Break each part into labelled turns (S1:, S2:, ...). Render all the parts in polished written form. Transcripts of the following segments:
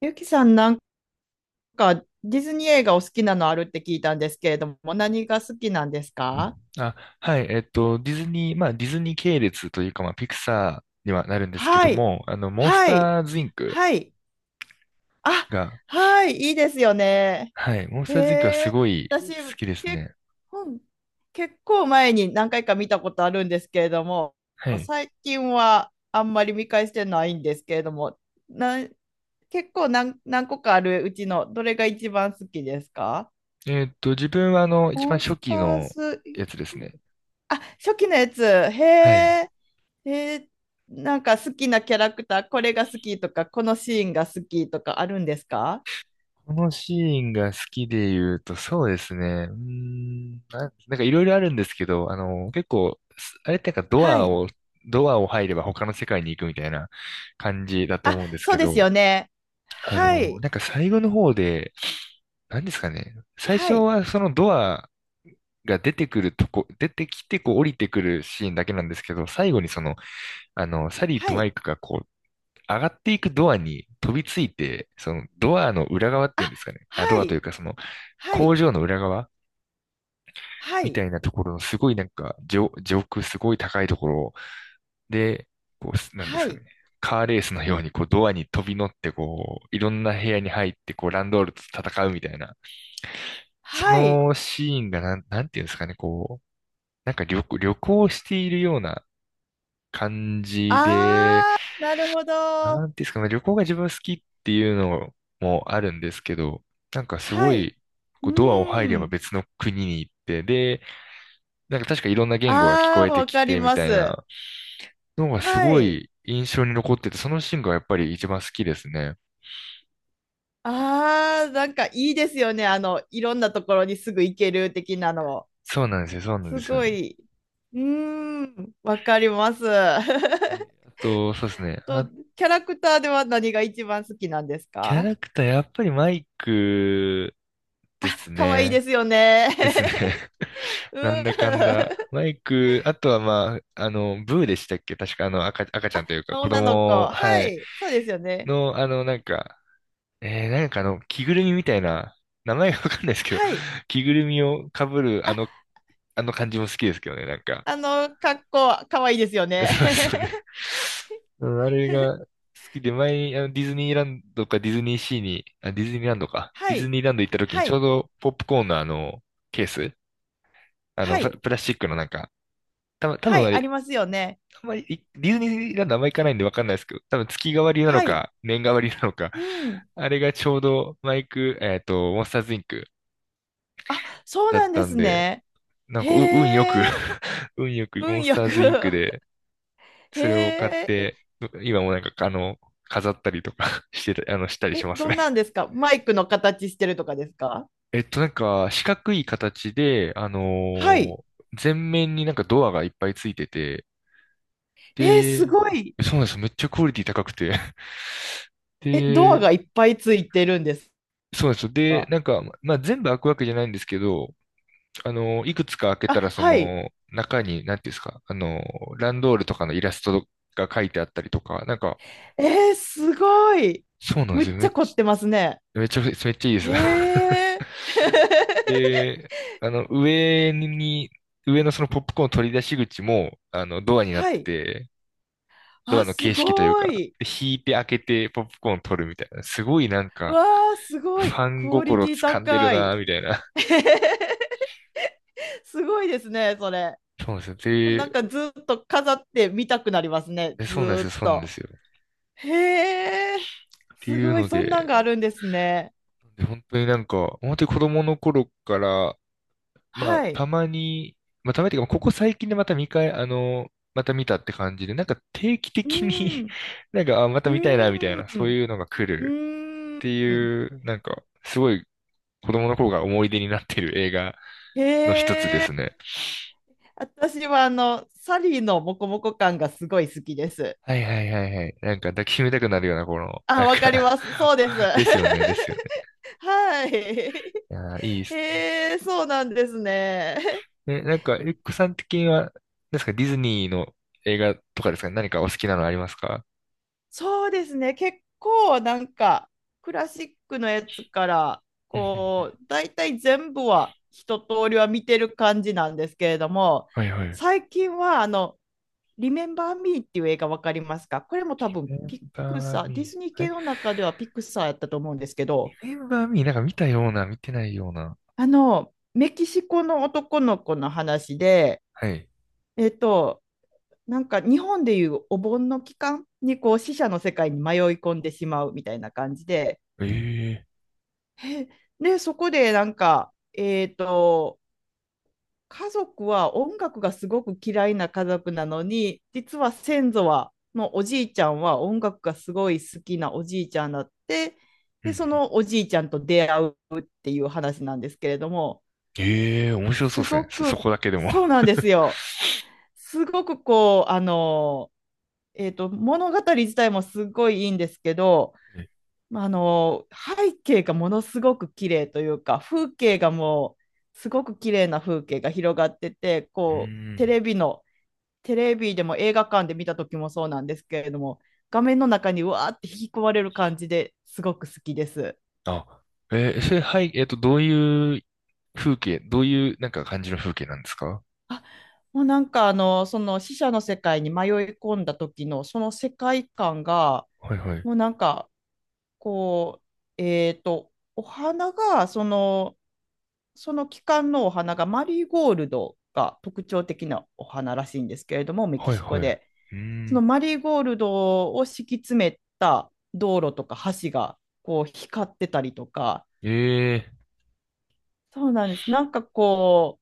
S1: ゆきさん、なんかディズニー映画お好きなのあるって聞いたんですけれども、何が好きなんですか？
S2: あ、はい、ディズニー、まあ、ディズニー系列というか、まあ、ピクサーにはなるんですけ
S1: は
S2: ど
S1: い。
S2: も、モンス
S1: はい。
S2: ターズインク
S1: はい。あ、
S2: が、
S1: はい。いいですよね。
S2: はい、モンス
S1: へ
S2: ターズインクはす
S1: え。
S2: ごい
S1: 私、
S2: 好きです
S1: 結
S2: ね。
S1: 婚、結構前に何回か見たことあるんですけれども、
S2: はい。
S1: 最近はあんまり見返してないんですけれども、な、結構何個かあるうちのどれが一番好きですか？
S2: えっと、自分は、一
S1: モ
S2: 番
S1: ン
S2: 初
S1: スタ
S2: 期
S1: ー
S2: の
S1: ズ。
S2: やつですね。
S1: あ、初期のやつ。へ
S2: はい。
S1: え。えなんか好きなキャラクター、これが好きとか、このシーンが好きとかあるんですか？
S2: このシーンが好きで言うと、そうですね。なんかいろいろあるんですけど、結構、あれってなんかド
S1: は
S2: ア
S1: い。
S2: を、ドアを入れば他の世界に行くみたいな感じだと
S1: あ、
S2: 思うんです
S1: そう
S2: け
S1: です
S2: ど、
S1: よね。はい。
S2: なんか最後の方で、何ですかね。最
S1: は
S2: 初
S1: い。
S2: はそのドアが出てくるとこ、出てきてこう降りてくるシーンだけなんですけど、最後にその、サリー
S1: は
S2: とマ
S1: い。
S2: イクがこう、上がっていくドアに飛びついて、そのドアの裏側っていうん
S1: あ、
S2: ですかね。あ、ド
S1: は
S2: アという
S1: い。
S2: かその
S1: は
S2: 工
S1: い。
S2: 場の裏側
S1: は
S2: みた
S1: い。
S2: いなところのすごいなんか上空すごい高いところで、こう、なんで
S1: は
S2: すかね。
S1: い。
S2: カーレースのようにこうドアに飛び乗ってこう、いろんな部屋に入ってこう、ランドールと戦うみたいな。そ
S1: はい。
S2: のシーンがなんていうんですかね、こう、旅行しているような感じで、
S1: あー、なるほ
S2: な
S1: ど。
S2: んていうんですかね、旅行が自分好きっていうのもあるんですけど、なんかすご
S1: はい。
S2: い、
S1: う
S2: こうドアを入れば
S1: ーん。
S2: 別の国に行って、で、なんか確かいろんな言語が聞こ
S1: あ
S2: え
S1: ー、
S2: て
S1: わ
S2: き
S1: かり
S2: てみ
S1: ま
S2: たい
S1: す。
S2: なのがす
S1: は
S2: ご
S1: い。
S2: い印象に残ってて、そのシーンがやっぱり一番好きですね。
S1: ああ、なんかいいですよね。あの、いろんなところにすぐ行ける的なの。
S2: そうなんですよ、そうなんで
S1: す
S2: すよ
S1: ご
S2: ね。
S1: い。うーん、わかります。
S2: あと、そうですね。
S1: と、
S2: あ、
S1: キャラクターでは何が一番好きなんです
S2: キャ
S1: か？
S2: ラクター、やっぱりマイクです
S1: 可愛いで
S2: ね。
S1: すよ
S2: ですね。
S1: ね。う
S2: なんだかん
S1: ん。
S2: だ。マイク、あとはまあ、ブーでしたっけ、確かあの赤ちゃんというか子
S1: 女の子。
S2: 供、は
S1: は
S2: い。
S1: い。そうですよね。
S2: の、着ぐるみみたいな、名前がわかんないですけど、
S1: はい。
S2: 着ぐるみを被る
S1: あ、
S2: あの感じも好きですけどね、なんか。
S1: あの、格好、可愛いですよ ね。
S2: そうですよね。うん、あれが好きで、前にあのディズニーランドかディズニーシーに、あ、ディズニーランドか。デ
S1: は
S2: ィズ
S1: い。
S2: ニーランド行った時に
S1: は
S2: ちょう
S1: い。
S2: どポップコーンのあの、ケース、
S1: はい。
S2: プラスチックのなんか、多
S1: は
S2: 分あ
S1: い。あ
S2: れ、
S1: りますよね。
S2: あんまり、ディズニーランドあんま行かないんでわかんないですけど、多分月替わりなの
S1: はい。
S2: か、年替わりなのか、
S1: うん。
S2: あれがちょうどマイク、モンスターズインク
S1: あ、そう
S2: だ
S1: な
S2: っ
S1: んで
S2: たん
S1: す
S2: で、
S1: ね。
S2: なんか運よく
S1: へえ、
S2: 運よくモン
S1: 運
S2: ス
S1: よ
S2: ターズインク
S1: く。
S2: で、
S1: へ
S2: それを買っ
S1: え、え、
S2: て、今もなんか、飾ったりとか してた、あの、したりし
S1: え、
S2: ます
S1: どん
S2: ね。
S1: なんですか、マイクの形してるとかですか？
S2: 四角い形で、
S1: はい。
S2: ー前面になんかドアがいっぱいついてて、
S1: えー、す
S2: で、
S1: ごい。
S2: そうなんですよ。めっちゃクオリティ高くて。
S1: え、ドア
S2: で、
S1: がいっぱいついてるんです
S2: そうなんですよ。で、
S1: か？
S2: なんか、まあ、全部開くわけじゃないんですけど、いくつか開け
S1: あ、
S2: たら、そ
S1: はい。
S2: の、中に、なんていうんですか、ランドールとかのイラストが書いてあったりとか、なんか、
S1: えー、すごい。
S2: そうなんで
S1: むっ
S2: すよ。
S1: ちゃ凝ってますね。
S2: めっちゃいいです。
S1: へえ。
S2: で、あの、上に、上のそのポップコーン取り出し口も、ドアになっ
S1: は
S2: て
S1: い。
S2: て、ドア
S1: あ、
S2: の
S1: す
S2: 形式という
S1: ご
S2: か、
S1: い。
S2: 引いて開けてポップコーン取るみたいな、すごいなんか、
S1: わあ、すご
S2: フ
S1: い。
S2: ァン
S1: クオリ
S2: 心
S1: ティ
S2: 掴んでる
S1: 高
S2: な、
S1: い。
S2: みたいな。
S1: すごいですね、それ。
S2: そうなんですよ。
S1: なん
S2: で、
S1: かずっと飾って見たくなりますね、
S2: で
S1: ず
S2: そうなんです
S1: ー
S2: よ、
S1: っ
S2: そうなんで
S1: と。
S2: すよ。
S1: へえ、
S2: って
S1: す
S2: いう
S1: ごい、
S2: の
S1: そんなん
S2: で、
S1: があるんですね。
S2: で本当になんか、本当に子供の頃から、まあ、
S1: は
S2: た
S1: い。
S2: まに、まあ、たまにっていうか、ここ最近でまた見返、あの、また見たって感じで、なんか定期
S1: う
S2: 的に
S1: ーん、
S2: なんか、あ、ま
S1: う
S2: た見たいな、みたいな、
S1: ー
S2: そう
S1: ん、
S2: いうのが来
S1: う
S2: るって
S1: ーん。
S2: いう、なんか、すごい子供の頃が思い出になってる映画
S1: へ
S2: の一つで
S1: え、
S2: すね。
S1: 私はあの、サリーのモコモコ感がすごい好きです。
S2: はいはいはいはい。なんか抱きしめたくなるような、この、な
S1: あ、
S2: ん
S1: わかり
S2: か
S1: ます。そうです。は
S2: ですよね、ですよね。
S1: い。
S2: いやー、いいっすね。
S1: へえ、そうなんですね。
S2: え、なんか、エッグさん的には、ですか、ディズニーの映画とかですかね、何かお好きなのありますか？
S1: そうですね、結構なんかクラシックのやつから
S2: うんうんう
S1: こ
S2: ん。
S1: う大体全部は一通りは見てる感じなんですけれども、
S2: はいはい。
S1: 最近はあの「リメンバー・ミー」っていう映画わかりますか？これも多
S2: リ
S1: 分
S2: メン
S1: ピク
S2: バー
S1: サー、ディ
S2: ミ
S1: ズニー
S2: ー、は
S1: 系
S2: い。
S1: の中ではピクサーやったと思うんですけど、
S2: R E M E、 なんか見たような、見てないような。
S1: あのメキシコの男の子の話で、
S2: はい。
S1: えっとなんか日本でいうお盆の期間にこう死者の世界に迷い込んでしまうみたいな感じで、
S2: ええ。
S1: で、そこでなんか、家族は音楽がすごく嫌いな家族なのに、実は先祖は、のおじいちゃんは音楽がすごい好きなおじいちゃんだって、
S2: うん
S1: で、
S2: うん。
S1: そのおじいちゃんと出会うっていう話なんですけれども、
S2: ええ、面白そう
S1: す
S2: です
S1: ご
S2: ね。そ、そ
S1: く、
S2: こだけでも。
S1: そうなんですよ。すごくこう、あの、物語自体もすごいいいんですけど、
S2: え、
S1: まああの背景がものすごく綺麗というか、風景がもうすごく綺麗な風景が広がってて、
S2: うー
S1: こう
S2: ん。
S1: テレビでも映画館で見た時もそうなんですけれども、画面の中にうわーって引き込まれる感じですごく好きです。
S2: あ、えーそれ、はい、どういうどういう、なんか感じの風景なんですか？
S1: あ、もうなんかあのその死者の世界に迷い込んだ時のその世界観が、
S2: はいはい。
S1: もうなんかこうお花がその、その期間のお花がマリーゴールドが特徴的なお花らしいんですけれども、メキ
S2: はい
S1: シ
S2: は
S1: コ
S2: い。う
S1: で。
S2: ー
S1: その
S2: ん。
S1: マリーゴールドを敷き詰めた道路とか、橋がこう光ってたりとか、
S2: ええ。
S1: そうなんです。なんかこ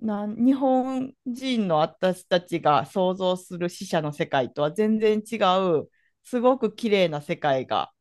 S1: う、日本人の私たちが想像する死者の世界とは全然違う、すごく綺麗な世界が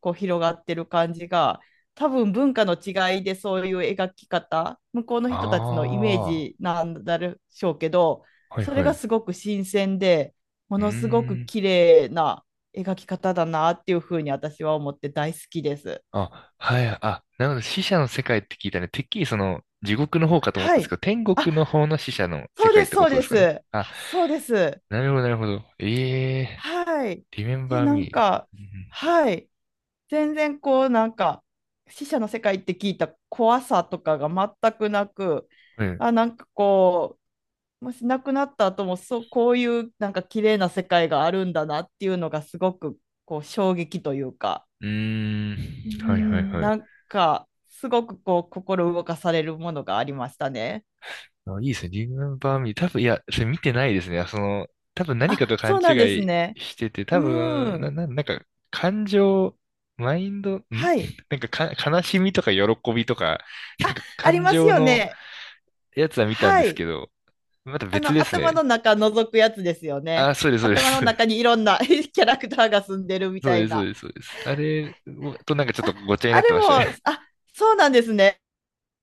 S1: こう広がってる感じが、多分文化の違いでそういう描き方、向こうの
S2: あ
S1: 人たちのイメー
S2: あー。
S1: ジなんだでしょうけど、
S2: はい
S1: それ
S2: はい。
S1: が
S2: う
S1: すごく新鮮で、も
S2: ー
S1: のすごく
S2: ん。
S1: 綺麗な描き方だなっていうふうに私は思って大好きです。
S2: あ、はい、あ、なるほど、死者の世界って聞いたね。てっきりその、地獄の方かと思っ
S1: は
S2: たんです
S1: い。
S2: けど、天
S1: あ、
S2: 国の方の死者の世
S1: そう
S2: 界
S1: で
S2: っ
S1: す、
S2: てこ
S1: そう
S2: とで
S1: で
S2: すか
S1: す。
S2: ね。あ、
S1: あ、そうです。
S2: なるほど、なるほど。ええ
S1: はい。
S2: ー、
S1: で、
S2: Remember
S1: なん
S2: Me。
S1: か、
S2: うん。
S1: はい。全然こう、なんか、死者の世界って聞いた怖さとかが全くなく、
S2: うん。
S1: あ、なんかこう、もし亡くなった後も、そう、こういうなんか綺麗な世界があるんだなっていうのがすごくこう衝撃というか、
S2: うーん。
S1: う
S2: はい、はい、
S1: ん、
S2: はい。
S1: なんか、すごくこう、心動かされるものがありましたね。
S2: あ、いいですね。Remember Me。多分、いや、それ見てないですね。その、多分何か
S1: あ、
S2: と勘
S1: そう
S2: 違
S1: なんです
S2: い
S1: ね。
S2: してて、多
S1: う
S2: 分、
S1: ん。
S2: なんか、感情、マインド、ん、
S1: はい。
S2: なんかか、悲しみとか喜びとか、なんか
S1: あり
S2: 感
S1: ます
S2: 情
S1: よ
S2: の
S1: ね。
S2: やつは見たん
S1: は
S2: です
S1: い。
S2: けど、また
S1: あ
S2: 別
S1: の、
S2: です
S1: 頭
S2: ね。
S1: の中覗くやつですよね。
S2: あ、そうです、そうで
S1: 頭の
S2: す。
S1: 中にいろんな キャラクターが住んでるみ
S2: そう
S1: た
S2: で
S1: い
S2: す、そう
S1: な。
S2: です、そうです。あれとなんかちょっと
S1: あ、
S2: ごっちゃにな
S1: あ
S2: って
S1: れ
S2: まし
S1: も、
S2: た
S1: あ、
S2: ね。
S1: そうなんですね。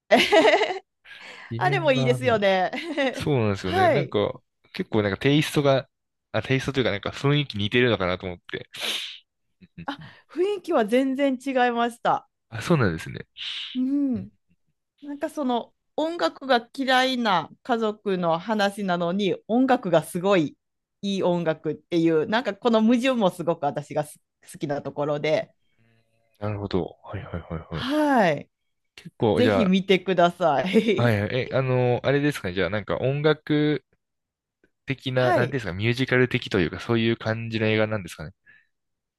S1: あれもいいで
S2: Remember
S1: すよ
S2: Me。
S1: ね。
S2: そうなんですよね。
S1: は
S2: なん
S1: い。
S2: か、結構なんかテイストというかなんか雰囲気似てるのかなと思って。う
S1: あ、
S2: ん。
S1: 雰囲気は全然違いました。
S2: あ、そうなんですね。
S1: う
S2: うん。
S1: ん。なんかその音楽が嫌いな家族の話なのに、音楽がすごいいい音楽っていう、なんかこの矛盾もすごく私が好きなところで、
S2: なるほど。はいはいはいはい。
S1: はい。
S2: 結構、
S1: ぜ
S2: じ
S1: ひ
S2: ゃ
S1: 見てくださ
S2: あ、は
S1: い。
S2: い はい。え、あれですかね。じゃあなんか音楽的な、なんて
S1: は
S2: いうんで
S1: い。
S2: すか、ミュージカル的というか、そういう感じの映画なんですかね。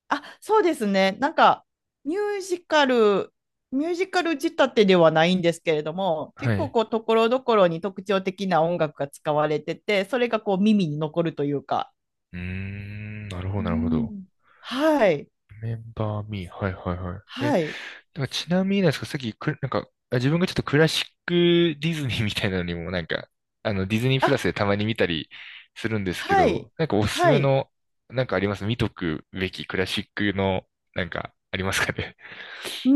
S1: あ、そうですね。なんか、ミュージカル、ミュージカル仕立てではないんですけれども、
S2: は
S1: 結構
S2: い。
S1: こう、ところどころに特徴的な音楽が使われてて、それがこう、耳に残るというか。
S2: うーん、なるほど、
S1: う
S2: なるほど。
S1: ん。はい。
S2: メンバーミー、はいはいはい。え、だ
S1: は
S2: か
S1: い。
S2: らちなみになんですか、さっきく、なんか、あ自分がちょっとクラシックディズニーみたいなのにも、なんか、ディズニープ
S1: あ、
S2: ラスでたまに見たりするんですけ
S1: は
S2: ど、
S1: い。
S2: なんかおすす
S1: は
S2: め
S1: い。
S2: の、なんかあります、見とくべきクラシックの、なんか、ありますかね？
S1: う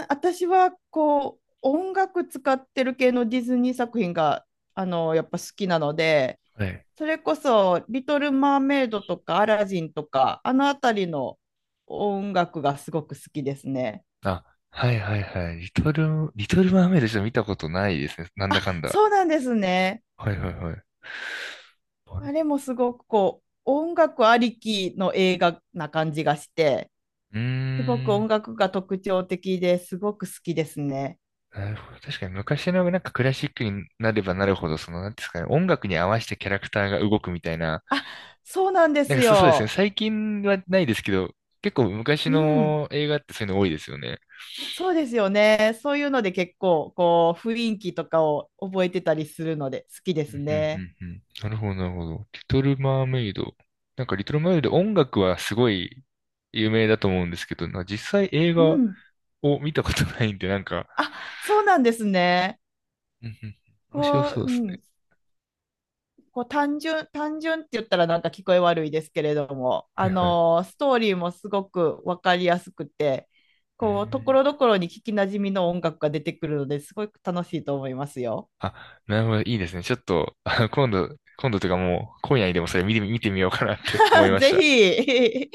S1: ーん、私はこう、音楽使ってる系のディズニー作品が、あの、やっぱ好きなので、
S2: はい。
S1: それこそ、リトル・マーメイドとか、アラジンとか、あのあたりの音楽がすごく好きですね。
S2: あ、はいはいはい。リトルマーメイドちょっと見たことないですね。なんだかんだ。
S1: そうなんですね。
S2: はいはいはい。な
S1: あれ
S2: る、
S1: もすごくこう、音楽ありきの映画な感じがして、
S2: うー
S1: すごく音
S2: ん。
S1: 楽が特徴的ですごく好きですね。
S2: なるほど。確かに昔のなんかクラシックになればなるほど、その、なんていうんですかね、音楽に合わせてキャラクターが動くみたいな、
S1: そうなんです
S2: そうですね。
S1: よ。
S2: 最近はないですけど、結構昔
S1: うん。
S2: の映画ってそういうの多いですよね。
S1: そうですよね。そういうので結構、こう、雰囲気とかを覚えてたりするので好きで
S2: う
S1: す
S2: んう
S1: ね。
S2: んうんうん。なるほど、なるほど。リトル・マーメイド。なんかリトル・マーメイド音楽はすごい有名だと思うんですけど、なんか実際映
S1: う
S2: 画
S1: ん。
S2: を見たことないんで、なんか、
S1: あ、そうなんですね。
S2: うんうん、面白
S1: こう、
S2: そう
S1: う
S2: ですね。
S1: ん、こう単純って言ったらなんか聞こえ悪いですけれども、
S2: はいはい。
S1: ストーリーもすごく分かりやすくて、
S2: う
S1: こう、とこ
S2: ん。
S1: ろどころに聞きなじみの音楽が出てくるのですごく楽しいと思いますよ。
S2: あ、なるほど、いいですね。ちょっと、あの、今度、今度というかもう、今夜にでもそれ見てみ、見てみようかなって思い まし
S1: ぜ
S2: た。
S1: ひ